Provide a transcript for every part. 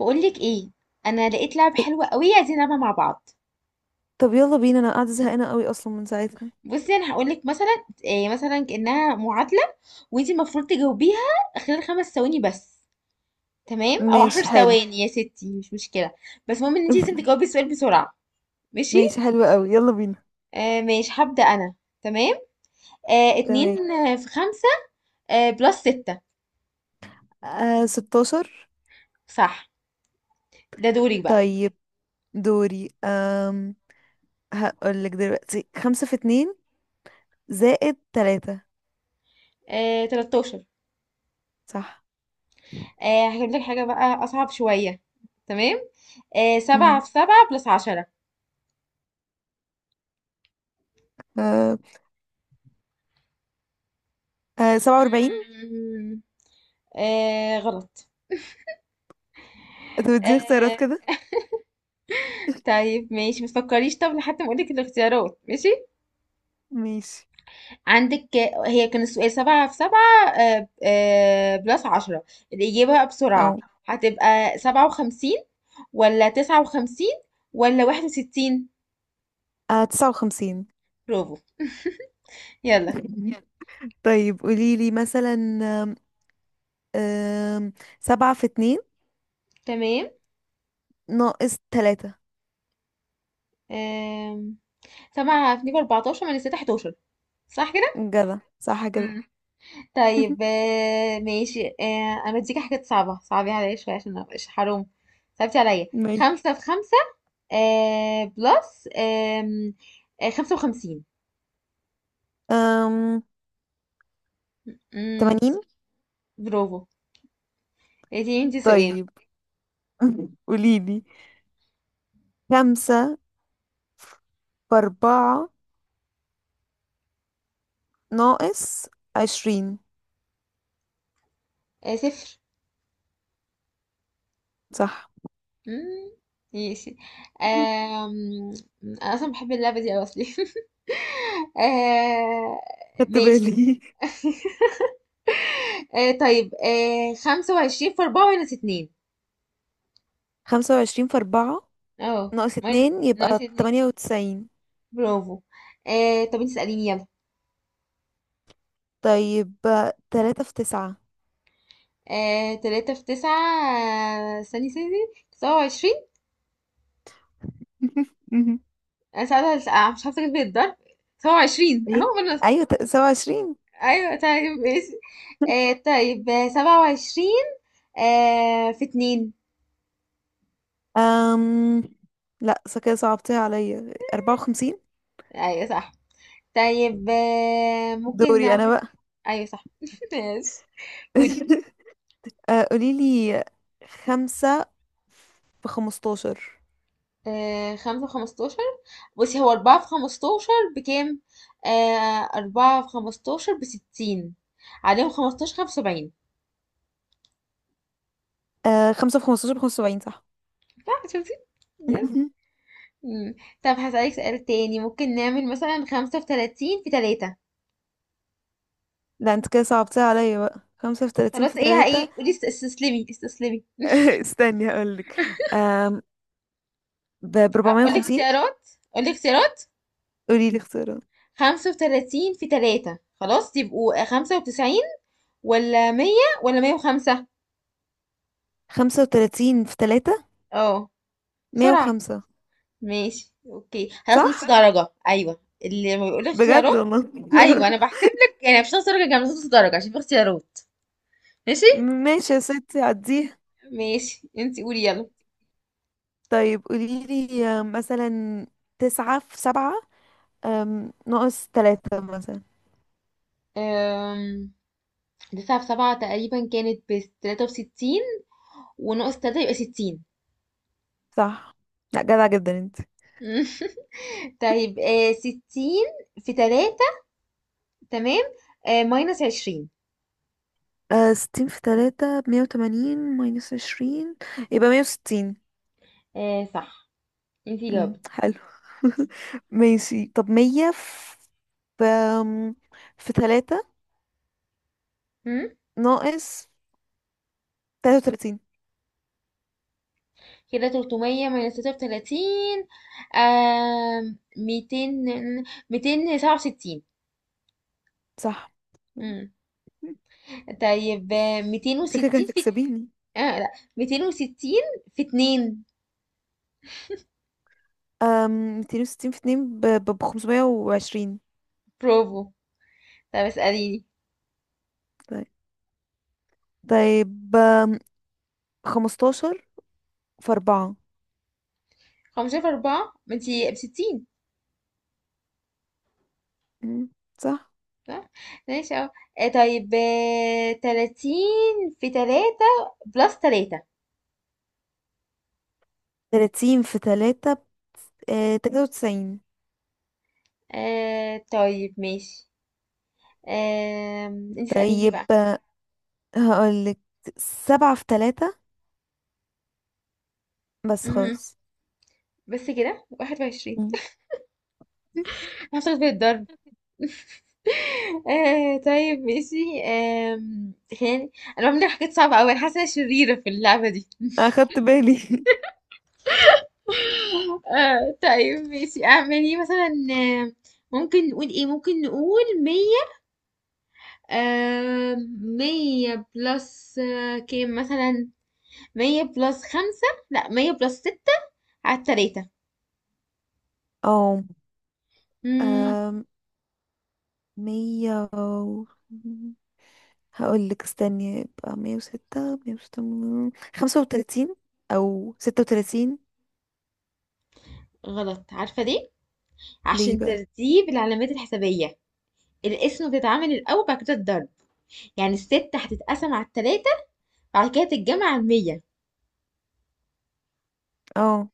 بقولك ايه؟ انا لقيت لعبه إيه، حلوه قوي عايزين نلعبها مع بعض. طب يلا بينا، انا قاعده زهقانه قوي اصلا من ساعتها. بصي انا هقولك مثلا إيه، مثلا كانها معادله، وانتي المفروض تجاوبيها خلال 5 ثواني بس. تمام، او عشر ماشي حلو. ثواني يا ستي مش مشكله. بس المهم ان انتي لازم تجاوبي السؤال بسرعه. ماشي. ماشي حلو قوي، يلا بينا. ماشي، هبدا انا. تمام. اتنين تمام. في خمسة. بلس ستة. آه، 16. صح. ده دوري بقى. طيب، دوري. هقول لك دلوقتي، خمسة في اتنين زائد تلاتة. 13. صح. هجيب لك حاجة بقى أصعب شوية. تمام. سبعة امم في سبعة بلس آه 47. 10. غلط. طب اديني اختيارات آه كده. طيب ماشي، ما تفكريش، طب لحد ما اقولك الاختيارات، ماشي. ماشي. عندك، هي كان السؤال سبعة في سبعة بلس عشرة. الإجابة بقى بسرعة. أو. هتبقى 57، ولا 59، ولا 61. 59. برافو. يلا. طيب قولي لي مثلا. آم، آم، سبعة في اتنين تمام. ناقص تلاتة. آم، سبعة في اتنين بأربعتاشر، من الستة 11. صح كده؟ جدع، صح كده. طيب آه، ماشي آه، انا اديكي حاجات صعبة، صعبي عليا شوية عشان ما ابقاش حرام. صعبتي عليا. ماشي. خمسة في خمسة بلس آم، آه، 55. أم... مم، 80. برافو. اديني انتي سؤال. طيب. قوليلي، خمسة في أربعة ناقص 20. صفر. صح. مم، ماشي. آم، انا اصلا بحب اللعبة دي اوي اصلي. آه، خدت ماشي. بالي. طيب، 25 في اربعة ماينس اتنين. 25 في أربعة اه ناقص ماين- اتنين ناقص يبقى اتنين. 98. برافو. طب انت اسأليني يلا. طيب، تلاتة في تسعة. تلاتة في تسعة. استني استني، 27. انا ساعتها مش عارفة اجيب الضرب. 27 ايه. اهو خلاص. أيوة، 27. ايوه طيب ماشي. طيب 27 في اتنين. أم... لا، صح كده، صعبتيها عليا 54. ايوه صح. طيب ممكن دوري أنا نعمل. بقى. ايوه صح. ماشي. قولي. قوليلي، خمسة في 15. 75. بصي، هو أربعة في 15 بكام؟ أربعة في خمستاشر بستين، عليهم 15، 75. آه، خمسة في خمستاشر بخمسة وسبعين، صح. صح، شفتي؟ يس. مم. طب هسألك سؤال تاني، ممكن نعمل مثلا خمسة في 30 في تلاتة. لا انت كده صعبتها عليا بقى، خمسة في 30 خلاص، في ايه تلاتة. ايه، قولي استسلمي استسلمي. استني هقولك. آم، بربعمية اقول لك وخمسين. اختيارات، اقول لك اختيارات. قولي لي اختيارات. 35 في تلاتة خلاص، يبقوا 95، ولا 100، ولا 105. 35 في تلاتة، اه. مية بسرعة. وخمسة ماشي اوكي، خلاص نص صح؟ درجة، ايوه اللي ما بيقولك بجد اختيارات. والله. ايوه، انا بحسب لك، يعني مش نص درجة جامد، نص درجة عشان في اختيارات. ماشي. ماشي يا ستي، عديها. ماشي، انتي قولي يلا. طيب قولي لي مثلا، تسعة في سبعة ناقص تلاتة مثلا. أم... تسعة في سبعة تقريبا كانت بتلاتة وستين، وناقص تلاتة يبقى 60. صح. لا، جدع جدا انت. طيب، 60 في تلاتة. تمام. ماينس 20. 60 في تلاتة بمية وتمانين ماينس عشرين، يبقى 160. صح، انتي جاوبتي. حلو. ماشي، طب مية في أم، في تلاتة مم؟ ناقص تلاتة وتلاتين. كده 300 ماينس 33. 200، 267. صح. امم طيب، شكلك 260 في... هتكسبيني. اه لا، 260 في 2. أم، 260 في اتنين بخمسمية وعشرين. برافو. طب اسأليني. طيب. طيب. 15 في أربعة. 15 في 4 ما انتي ب 60. مم، صح. صح، ماشي اهو. طيب، 30 في 3 بلس 3. 30 في تلاتة 93. طيب ماشي. آه انت اسأليني طيب، بقى. هقولك سبعة في تلاتة بس مهم. خلاص. بس كده 21. مم. هاخد في الضرب. طيب ماشي. آه خلينا، انا بعمل حاجات صعبة اوي، انا حاسة إن أنا شريرة في اللعبة دي. أخدت بالي. طيب ماشي، اعملي مثلا، ممكن نقول ايه، ممكن نقول مية. آه مية بلس كام مثلا. مية بلس خمسة، لا مية بلس ستة على التلاتة. مم اه، مية و... هقول لك استني، يبقى 106، 106. 35 أو 36. غلط، عارفة ليه؟ ليه عشان بقى. ترتيب العلامات الحسابية. القسمة بتتعمل الأول، بعد كده الضرب. يعني الستة هتتقسم على التلاتة، بعد كده تتجمع على المية. اه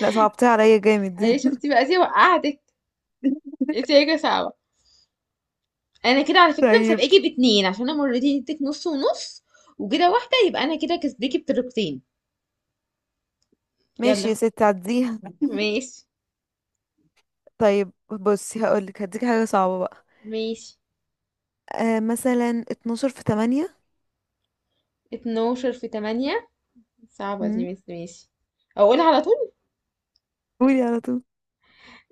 لا، صعبتها عليا جامد. أيوة، شفتي بقى، دي وقعتك. انتي راجلة صعبة. أنا كده على فكرة طيب مسابقاكِ باتنين، عشان أنا مرّتين اديتِك نُص ونُص، وكده واحدة يبقى أنا كده كسباكِ بطريقتين. ماشي يالّا. يا ستي، عديها. ماشي، طيب بصي هقولك، هديك حاجة صعبة بقى. ماشي، مثلا 12 في تمانية. 12 في 8. صعبة مم، دي بس ماشي. أقولها على طول؟ قولي على طول.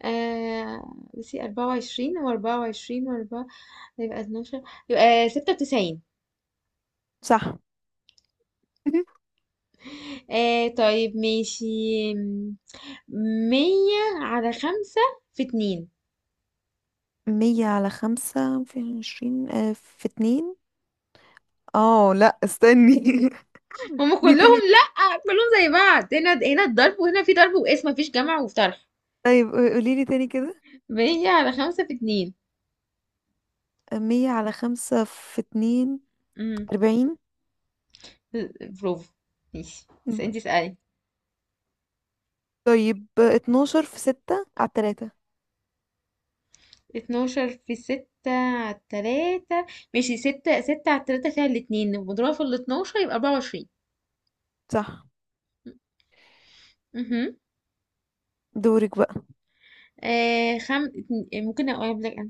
آآ بُصّي، 24 و24 وأربعة وعشرين وأربعة، يبقى 12، يبقى 96. صح. طيب ماشي. آمم 100 على 5 في 2. مية على خمسة في 20 في اتنين. اه لا، استني. هُم دي كلّهم تاني. لأ، كلّهم زي بعض، هنا هنا الضرب، وهنا في ضرب وقِسْم، ما فيش جمع وطرح. طيب قوليلي تاني كده، بقية على خمسة في اتنين. مية على خمسة في اتنين. امم، 40. برافو. ماشي، بس مم. انتي اسألي. طيب، 12 في ستة على التلاتة. اتناشر في ستة على التلاتة. ماشي، ستة ستة على التلاتة فيها الاتنين، مضروبة في الاتناشر يبقى 24. صح. امم دورك بقى. ممكن اقول لك انا،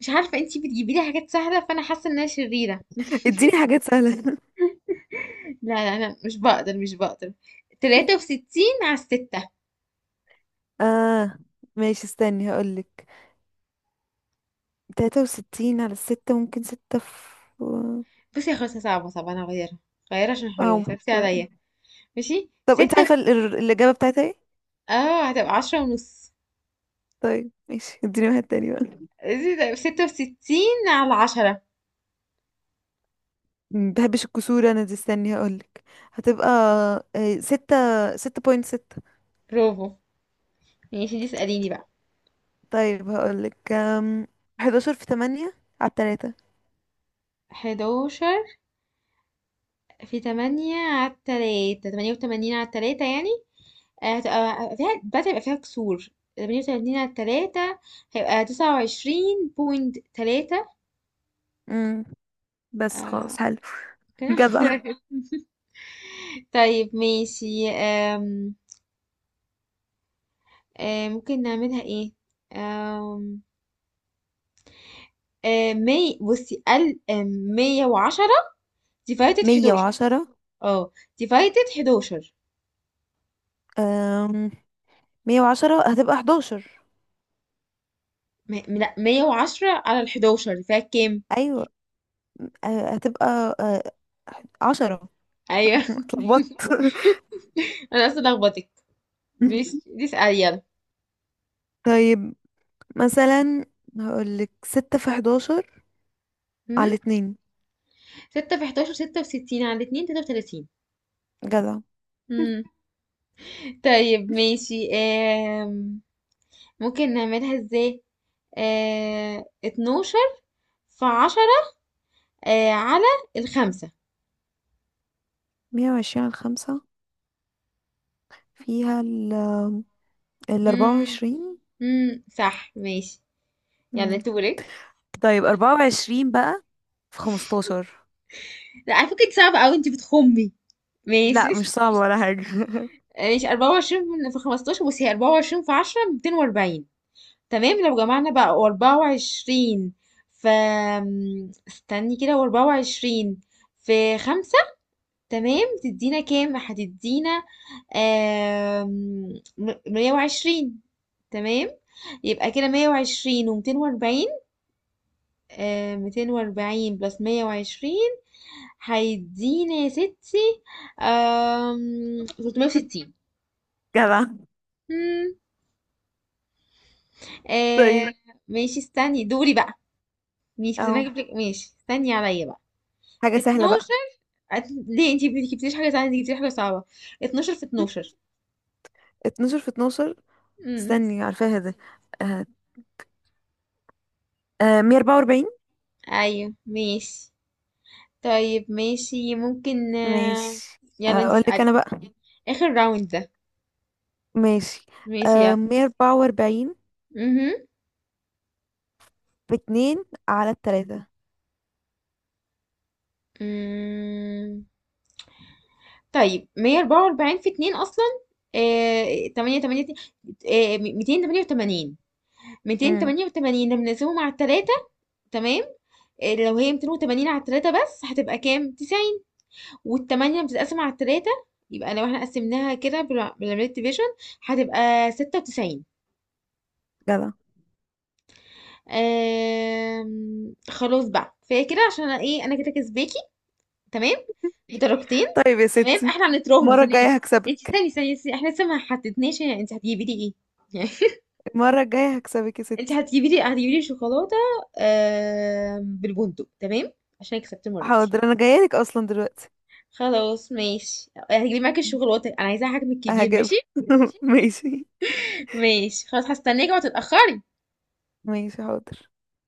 مش عارفة انتي بتجيبي لي حاجات سهلة، فانا حاسة ان انا شريرة. اديني حاجات سهلة. لا لا لا، مش بقدر مش بقدر. تلاتة وستين على الستة. اه ماشي، استني هقولك، 63 على الستة، ممكن ستة في. بصي يا خلاص، صعبة صعبة، انا هغيرها، غيرها عشان حرام اه صعبتي عليا. ماشي، طب انت عارفة الإجابة بتاعتها ايه؟ اه، هتبقى 10 ونص. طيب ماشي، اديني واحد تاني بقى. 66 على 10. مبحبش الكسور انا دي، استني هقولك، هتبقى آه، ستة ستة بوينت ستة. برافو. ماشي، دي اسأليني بقى. طيب هقولك 11 في تمانية على التلاتة. حداشر في تمانية على التلاتة، 88 على التلاتة يعني. هتبقى فيها بدأ، يبقى فيها كسور. تمانية وتمانين على التلاتة، هيبقى 29 بوينت تلاتة. بس آه، خلاص حلو. كده. جدع. طيب ماشي، آم، آم، ممكن نعملها ايه، آم، آم، مي بصي ال آم، 110 ديفايتد مية حداشر. وعشرة اه، ديفايتد حداشر. أم... 110 هتبقى 11. لا، 110 على ال 11 فيها كام؟ أيوة، هتبقى آه، 10. ايوه. اتلخبطت. انا اصلا لخبطك. ماشي، دي اسأل يلا. طيب مثلا هقولك، ستة في 11 هم؟ على اتنين. 6 في 11 66 على الاتنين 33. جدع. هم. طيب ماشي، ممكن نعملها ازاي. 12 في 10 على الخمسة. 120 على خمسة، فيها ال أربعة هم. وعشرين هم، صح ماشي. يلا مم. دورك. طيب 24 بقى في 15. لا، على فكرة دي صعبة قوي، انت بتخمي. ماشي. لا مش صعبة ولا حاجة. ماشي، 24 في 15. بصي، هي 24 في 10 240، تمام. لو جمعنا بقى وأربعة وعشرين في... استني كده، وأربعة وعشرين في خمسة، تمام، تدينا كام؟ هتدينا آم، 120. تمام. يبقى كده 120 ومتين وأربعين. 240 بلس 120، هيدينا يا ستي 360. جدع. مم. طيب آه ماشي، استني، دوري بقى. ماشي بس انا اهو، هجيب لك. ماشي استني عليا بقى. حاجة سهلة بقى. 12 ليه انتي ما جبتيليش حاجة سهلة، انتي جبتيلي حاجة صعبة. 12 في 12. 12 في 12. امم. استني عارفاها ده. آه. 144. ايوه ماشي. طيب ماشي ممكن، ماشي يلا انتي أقول لك اسألي. أنا بقى. اخر راوند ده. ماشي ماشي يلا. 144 مهم. باتنين على التلاتة. مم. طيب، 144 في 2 اصلا 8 8، 288. امم 288 لما نقسمه مع التلاتة. تمام. لو هي 280 على التلاتة بس، هتبقى كام؟ 90. والتمانية بتتقسم على التلاتة. يبقى لو احنا قسمناها كده بالعملية ديفيجن، هتبقى 96. جدع. خلاص بقى، فهي كده عشان انا ايه، انا كده كسباكي. تمام، بدرجتين. طيب يا تمام، ستي، احنا هنتراهن المرة ثانية. الجاية انت هكسبك. استني ثانية، استني، احنا لسه ما حددناش يعني انت هتجيبي لي ايه. يعني، المرة الجاية هكسبك يا انت ستي. هتجيبي لي شوكولاتة، بالبندق، تمام، عشان كسبت المرة دي. حاضر أنا جايلك أصلا دلوقتي. خلاص ماشي، هتجيبي معاكي الشوكولاتة، انا عايزاها حجم كبير، ماشي. هجيبها. ماشي. ماشي خلاص، هستناكي ما تتأخري. ماشي حاضر.